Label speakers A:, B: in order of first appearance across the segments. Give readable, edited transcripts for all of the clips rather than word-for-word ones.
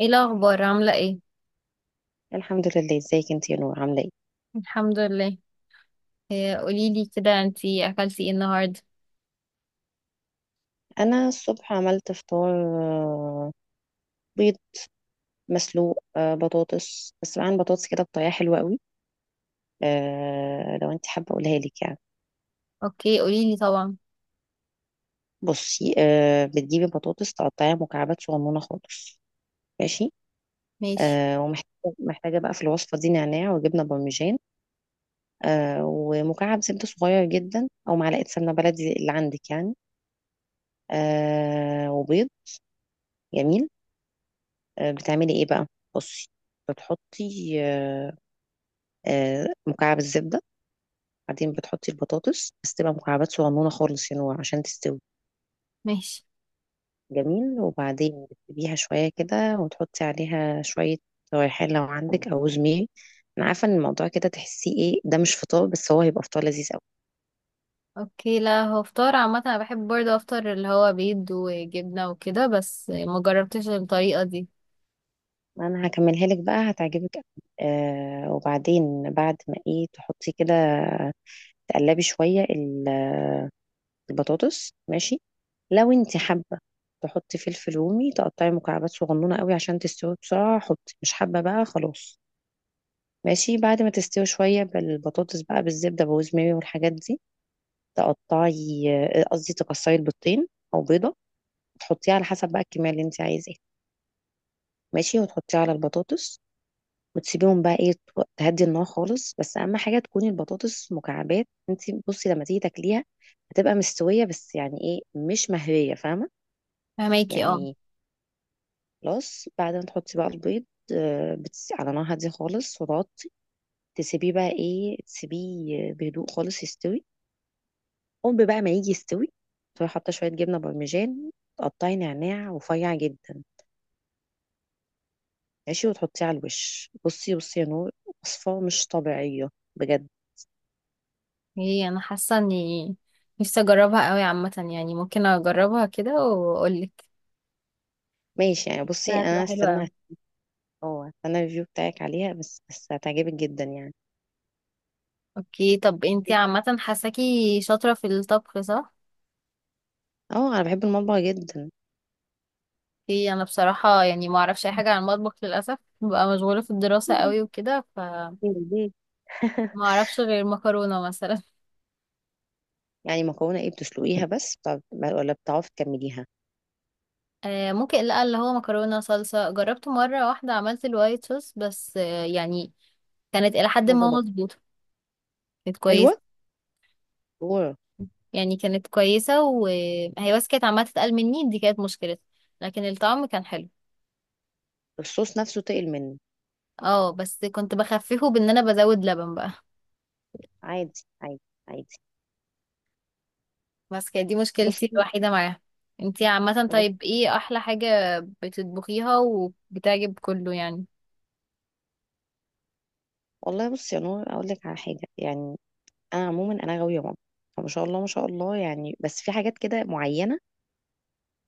A: ايه الاخبار؟ عامله ايه؟
B: الحمد لله، ازيك انت يا نور؟ عامله ايه؟
A: الحمد لله. إيه، قولي لي كده، انتي اكلتي ايه النهارده؟
B: انا الصبح عملت فطار، آه، بيض مسلوق، بطاطس، بس معاها بطاطس كده بطريقه حلوه قوي. لو انت حابه اقولها لك يعني.
A: اوكي، قولي لي طبعا.
B: بصي، بتجيبي بطاطس تقطعيها مكعبات صغنونه خالص. ماشي.
A: ماشي
B: ومحتاجه، محتاجه بقى في الوصفه دي نعناع وجبنه بارميجان، ومكعب زبده صغير جدا او معلقه سمنه بلدي اللي عندك يعني، وبيض. جميل. بتعملي ايه بقى؟ بصي، بتحطي مكعب الزبدة، بعدين بتحطي البطاطس بس تبقى مكعبات صغنونة خالص يعني عشان تستوي.
A: ماشي.
B: جميل. وبعدين بتسيبيها شوية كده وتحطي عليها شوية ريحان لو عندك أو زميل. أنا عارفة إن الموضوع كده تحسيه إيه، ده مش فطار، بس هو هيبقى فطار لذيذ أوي.
A: اوكي، لا هو فطار عامه، انا بحب برضه افطر اللي هو بيض وجبنه وكده، بس ما جربتش الطريقه دي.
B: أنا هكملها لك بقى، هتعجبك أوي. وبعدين بعد ما إيه تحطي كده، تقلبي شوية البطاطس. ماشي. لو انت حابه تحطي فلفل رومي تقطعي مكعبات صغنونه قوي عشان تستوي بسرعه، حطي؛ مش حابه بقى خلاص. ماشي. بعد ما تستوي شويه بالبطاطس بقى بالزبده، بوز ماري والحاجات دي، تقطعي، قصدي تكسري البيضتين او بيضه، تحطيها على حسب بقى الكميه اللي انت عايزاها. ماشي. وتحطيها على البطاطس وتسيبيهم بقى ايه، تهدي النار خالص. بس اهم حاجه تكوني البطاطس مكعبات انت. بصي، لما تيجي تاكليها هتبقى مستويه بس يعني ايه، مش مهريه، فاهمه
A: فهماكي، اه.
B: يعني؟ خلاص. بعد ما تحطي بقى البيض، على نار هادية خالص، وتغطي، تسيبيه بقى ايه، تسيبيه بهدوء خالص يستوي. قوم بقى ما يجي يستوي، تروحي حاطة شوية جبنة بارميجان، تقطعي نعناع رفيع جدا. ماشي. وتحطيه على الوش. بصي بصي يا نور، وصفة مش طبيعية بجد.
A: ايه، انا حاسه اني نفسي اجربها قوي. عامه يعني ممكن اجربها كده واقول لك.
B: ماشي يعني. بصي
A: هتبقى
B: انا
A: حلوه
B: استنى،
A: قوي.
B: اه استنى الريفيو بتاعك عليها بس، بس هتعجبك جدا يعني.
A: اوكي، طب انتي عامه حاساكي شاطره في الطبخ، صح؟
B: اه انا بحب المطبخ جدا.
A: ايه، انا بصراحة يعني ما اعرفش اي حاجة عن المطبخ للأسف، ببقى مشغولة في الدراسة قوي وكده، فما
B: ليه؟
A: اعرفش غير مكرونة مثلا.
B: يعني مكرونة ايه، بتسلقيها بس طب، ولا بتعرفي تكمليها؟
A: آه، ممكن. لا، اللي هو مكرونة صلصة. جربت مرة واحدة عملت الوايت صوص بس، آه يعني كانت الى حد
B: ما
A: ما
B: ظبط.
A: مظبوطة. كانت كويسة.
B: حلوة. اوه.
A: يعني كانت كويسة، وهي بس كانت عمالة تتقل مني، دي كانت مشكلتها. لكن الطعم كان حلو.
B: الصوص نفسه تقل منه.
A: اه، بس كنت بخففه بان انا بزود لبن بقى.
B: عادي عادي. عادي.
A: بس كانت دي مشكلتي
B: بصي.
A: الوحيدة معاها. انتي عامة، طيب
B: بص.
A: ايه احلى حاجة بتطبخيها وبتعجب كله يعني؟
B: والله بصي يا نور، اقول لك على حاجة يعني. انا عموما انا غاوية ماما، فما شاء الله ما شاء الله يعني، بس في حاجات كده معينة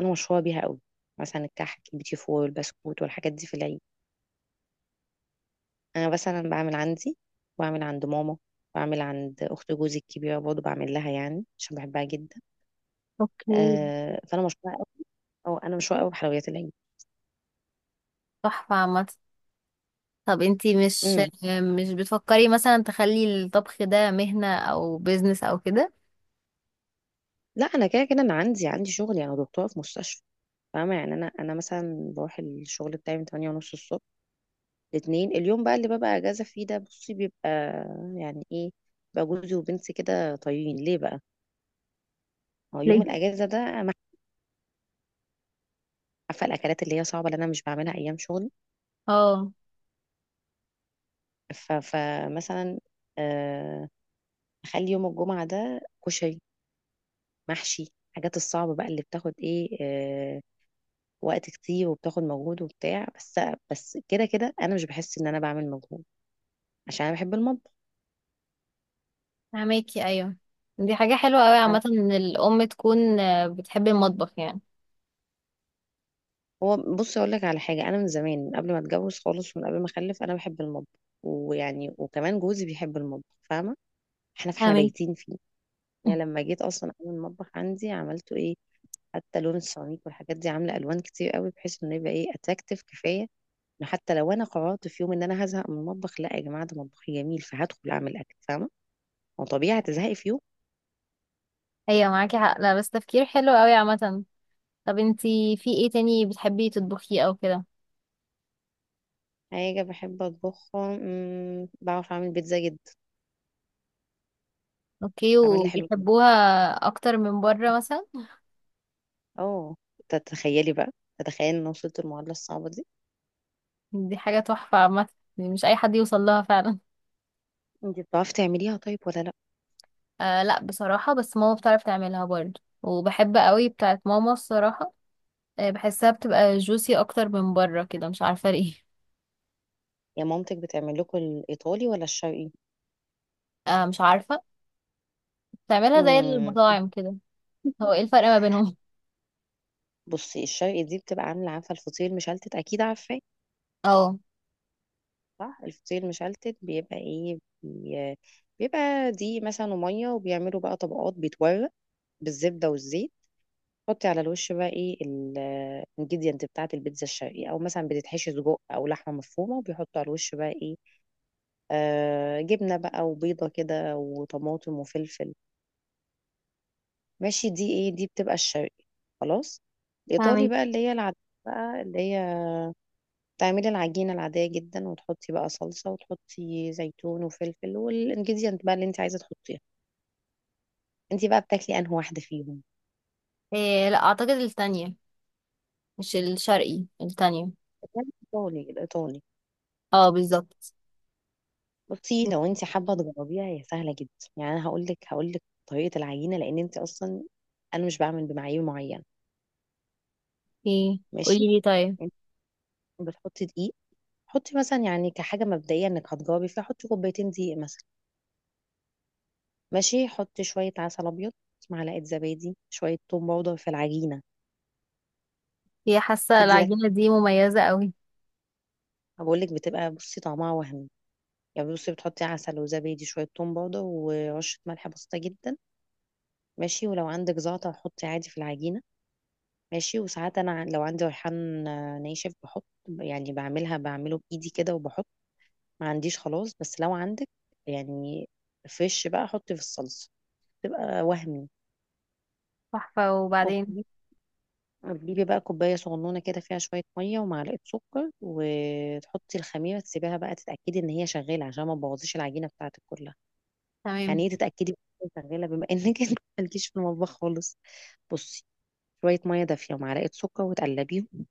B: انا مشهورة بيها قوي، مثلا الكحك، البيتي فور، البسكوت، والحاجات دي في العيد. انا مثلا بعمل عندي، بعمل عند ماما، بعمل عند اخت جوزي الكبيره برضه بعمل لها يعني عشان بحبها جدا.
A: اوكي.
B: آه، فانا مشهوره قوي، او انا مشهوره قوي بحلويات العيد.
A: تحفة عامة. طب انتي مش
B: امم.
A: مش بتفكري مثلا تخلي الطبخ ده مهنة او بيزنس او كده؟
B: لا، انا كده كده انا عندي شغل يعني، دكتوره في مستشفى. فاهمه يعني؟ انا، انا مثلا بروح الشغل بتاعي من 8 ونص الصبح. لاتنين اليوم بقى اللي ببقى اجازه فيه ده، بصي بيبقى يعني ايه بقى، جوزي وبنتي كده طايرين ليه بقى. هو يوم
A: ليه؟
B: الاجازه ده أنا عارفه الاكلات اللي هي صعبه اللي انا مش بعملها ايام شغلي،
A: اه.
B: فمثلا آه، اخلي يوم الجمعه ده كشري، محشي، الحاجات الصعبه بقى اللي بتاخد ايه، وقت كتير وبتاخد مجهود وبتاع. بس، بس كده كده انا مش بحس ان انا بعمل مجهود عشان انا بحب المطبخ.
A: فهماكي، ايوه. دي حاجة حلوة اوي
B: فاهمة؟
A: عامة، ان الام تكون بتحب المطبخ يعني.
B: هو بص، اقول لك على حاجه. انا من زمان، من قبل ما اتجوز خالص ومن قبل ما اخلف، انا بحب المطبخ، ويعني وكمان جوزي بيحب المطبخ، فاهمه؟ احنا، فاحنا
A: فاهمك.
B: بايتين فيه. يعني لما جيت اصلا اعمل المطبخ عندي عملته ايه، حتى لون السيراميك والحاجات دي عامله الوان كتير قوي بحيث انه يبقى ايه، اتراكتيف كفايه، انه حتى لو انا قررت في يوم ان انا هزهق من المطبخ، لا يا جماعه ده مطبخي جميل، فهدخل اعمل اكل، فاهمه؟ هو طبيعي هتزهقي في يوم.
A: ايوه، معاكي حق. لا بس تفكير حلو اوي عامة. طب انتي في ايه تاني بتحبي تطبخيه او كده؟
B: حاجه بحب اطبخها بعرف اعمل بيتزا جدا،
A: اوكي،
B: بعملها حلو.
A: وبيحبوها اكتر من بره مثلا؟
B: اه. تتخيلي بقى، تتخيلي ان أنا وصلت المعادلة الصعبة دي.
A: دي حاجة تحفة عامة. دي مش اي حد يوصل لها فعلا.
B: انت بتعرفي تعمليها طيب، ولا لا؟
A: آه، لا بصراحة. بس ماما بتعرف تعملها برضه، وبحب قوي بتاعت ماما الصراحة. آه، بحسها بتبقى جوسي اكتر من بره كده، مش عارفة ليه.
B: يا مامتك بتعمل لكم الايطالي ولا الشرقي؟
A: آه، مش عارفة. بتعملها زي
B: امم.
A: المطاعم كده. هو ايه الفرق ما بينهم؟
B: بصي الشرقي دي بتبقى عاملة، عارفة الفطير المشلتت، أكيد عارفاه.
A: اه.
B: صح، الفطير المشلتت بيبقى إيه، بيبقى دي مثلا ومية، وبيعملوا بقى طبقات، بيتورق بالزبدة والزيت. حطي على الوش بقى إيه الانجيديانت بتاعة البيتزا الشرقي، أو مثلا بتتحشي سجق أو لحمة مفرومة، وبيحطوا على الوش بقى إيه، جبنة بقى وبيضة كده وطماطم وفلفل. ماشي. دي ايه، دي بتبقى الشرقي. خلاص. الإيطالي
A: فاهمك.
B: بقى اللي هي العادية، بقى اللي هي تعملي العجينة العادية جدا وتحطي بقى صلصة، وتحطي زيتون وفلفل والانجريدينت بقى اللي انت عايزة تحطيها. انت بقى بتاكلي انهي واحدة فيهم؟
A: آه، لا اعتقد التانية. مش الشرقي، التانية.
B: الإيطالي، الإيطالي.
A: اه، بالظبط.
B: بصي، لو انت حابة تجربيها هي سهلة جدا. يعني انا هقول لك طريقة العجينة، لأن انت أصلا، انا مش بعمل بمعايير معينة.
A: اوكي،
B: ماشي.
A: قولي لي طيب.
B: انت بتحطي دقيق، حطي مثلا يعني كحاجه مبدئيه انك هتجاوبي فيها حطي كوبايتين دقيق مثلا. ماشي. حطي شويه عسل ابيض، معلقه زبادي، شويه توم باودر في العجينه،
A: هي حاسة
B: تدي لك،
A: العجينة دي مميزة قوي.
B: بقول لك بتبقى بصي طعمها وهمي. يعني بصي، بتحطي عسل وزبادي، شويه توم باودر، ورشه ملح بسيطه جدا. ماشي. ولو عندك زعتر حطي عادي في العجينه. ماشي. وساعات انا لو عندي ريحان ناشف بحط، يعني بعملها، بعمله بايدي كده وبحط. ما عنديش خلاص، بس لو عندك يعني فريش بقى حطي في الصلصه، تبقى وهمي.
A: تحفة. وبعدين؟
B: تجيبي بقى كوباية صغنونة كده فيها شوية مية ومعلقة سكر، وتحطي الخميرة، تسيبيها بقى تتأكدي إن هي شغالة عشان ما تبوظيش العجينة بتاعتك كلها.
A: تمام.
B: يعني إيه تتأكدي إن هي شغالة، بما إنك إنت مالكيش في المطبخ خالص. بصي، شوية مية دافية ومعلقة سكر، وتقلبيهم،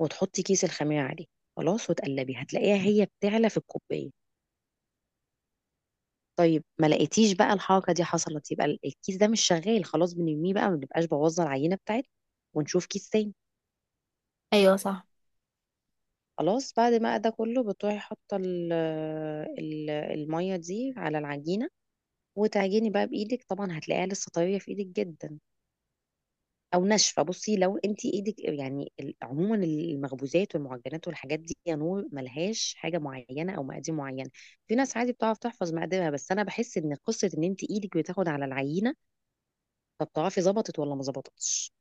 B: وتحطي كيس الخميرة عليه خلاص، وتقلبي، هتلاقيها هي بتعلى في الكوباية. طيب ما لقيتيش بقى الحركة دي حصلت، يبقى الكيس ده مش شغال خلاص، بنرميه بقى ما بنبقاش بوظنا العجينة بتاعتنا، ونشوف كيس تاني.
A: ايوه صح،
B: خلاص. بعد ما ده كله بتروحي حاطه الميه دي على العجينه، وتعجني بقى بايدك، طبعا هتلاقيها لسه طريه في ايدك جدا او ناشفه. بصي، لو انت ايدك يعني عموما المخبوزات والمعجنات والحاجات دي يا نور ملهاش حاجه معينه او مقادير معينه. في ناس عادي بتعرف تحفظ مقاديرها، بس انا بحس ان قصه ان انت ايدك بتاخد على العينه، فبتعرفي ظبطت ولا ما ظبطتش.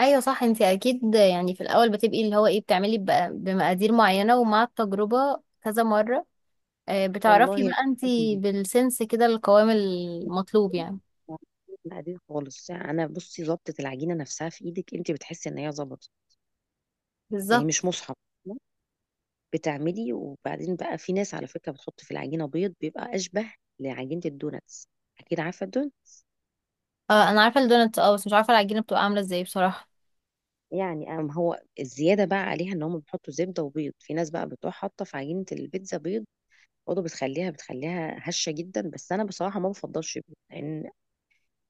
A: ايوه صح. انت اكيد يعني في الاول بتبقي اللي هو ايه، بتعملي بقى بمقادير معينه، ومع التجربه كذا مره آه، بتعرفي
B: والله
A: بقى انت بالسنس كده القوام المطلوب يعني.
B: بعدين خالص انا بصي، ظبطة العجينة نفسها في ايدك، انت بتحسي ان هي ظبطت، يعني
A: بالظبط.
B: مش مصحف بتعملي. وبعدين بقى في ناس على فكرة بتحط في العجينة بيض، بيبقى اشبه لعجينة الدوناتس، اكيد عارفة الدون.
A: اه، انا عارفه الدونات. اه بس مش عارفه العجينه بتبقى عامله ازاي بصراحه.
B: يعني أم هو الزيادة بقى عليها ان هم بيحطوا زبدة وبيض، في ناس بقى بتروح حاطة في عجينة البيتزا بيض برضه، بتخليها، بتخليها هشة جدا، بس انا بصراحة ما بفضلش بيض، لان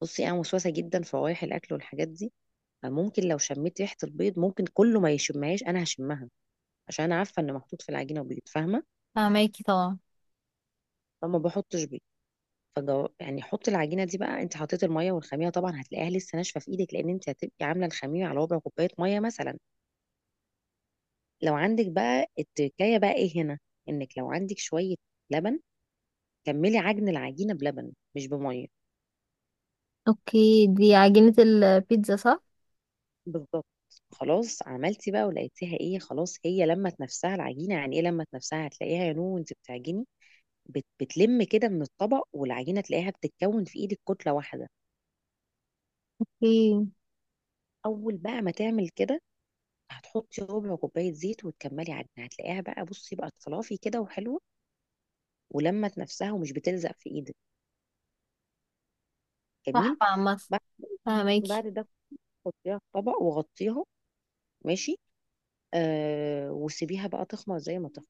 B: بصي انا وسوسة جدا في روايح الاكل والحاجات دي، ممكن لو شميت ريحة البيض، ممكن كله ما يشمهاش أنا هشمها، عشان أنا عارفة إن محطوط في العجينة بيض، فاهمة؟
A: فهماكي طبعا.
B: فما بحطش بيض. يعني حط العجينة دي بقى، أنت حطيت المية والخميرة، طبعا هتلاقيها لسه ناشفة في إيدك، لأن أنت هتبقي عاملة الخميرة على ربع كوباية مية مثلا. لو عندك بقى التركاية بقى إيه هنا، إنك لو عندك شوية لبن، كملي عجن العجينة بلبن مش بمية.
A: اوكي، دي عجينه البيتزا صح؟
B: بالظبط. خلاص. عملتي بقى ولقيتيها ايه، خلاص هي لمت نفسها العجينه. يعني ايه لمت نفسها، هتلاقيها يا نو وانت بتعجني، بتلم كده من الطبق، والعجينة تلاقيها بتتكون في ايدك كتلة واحدة.
A: اوكي.
B: اول بقى ما تعمل كده، هتحطي ربع كوباية زيت وتكملي عجينة، هتلاقيها بقى بصي بقت فلافي كده وحلوة، ولمت نفسها ومش بتلزق في ايدك.
A: صح
B: جميل.
A: عامه.
B: بعد
A: فهماكي.
B: بعد ده حطيها في طبق وغطيها. ماشي. وسيبيها بقى تخمر زي ما تخمر.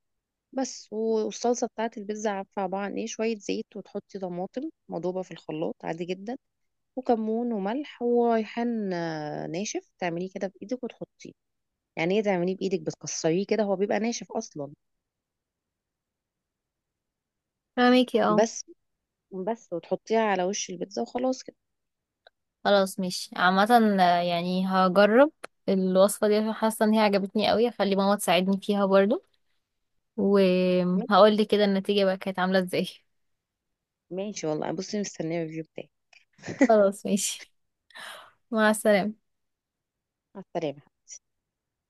B: بس. والصلصه بتاعت البيتزا، عارفه عباره عن ايه، شويه زيت وتحطي طماطم مضوبه في الخلاط عادي جدا، وكمون وملح وريحان ناشف، تعمليه كده بايدك وتحطيه. يعني ايه تعمليه بايدك، بتكسريه كده، هو بيبقى ناشف اصلا.
A: فاهمكي، اه.
B: بس بس وتحطيها على وش البيتزا وخلاص كده.
A: خلاص، ماشي عامه. يعني هجرب الوصفه دي عشان حاسه ان هي عجبتني قوي. هخلي ماما تساعدني فيها برضو، وهقول لي كده النتيجة بقى كانت عاملة ازاي.
B: ماشي. والله بصي مستنيه الريفيو بتاعك.
A: خلاص ماشي. مع السلامة.
B: مع السلامه.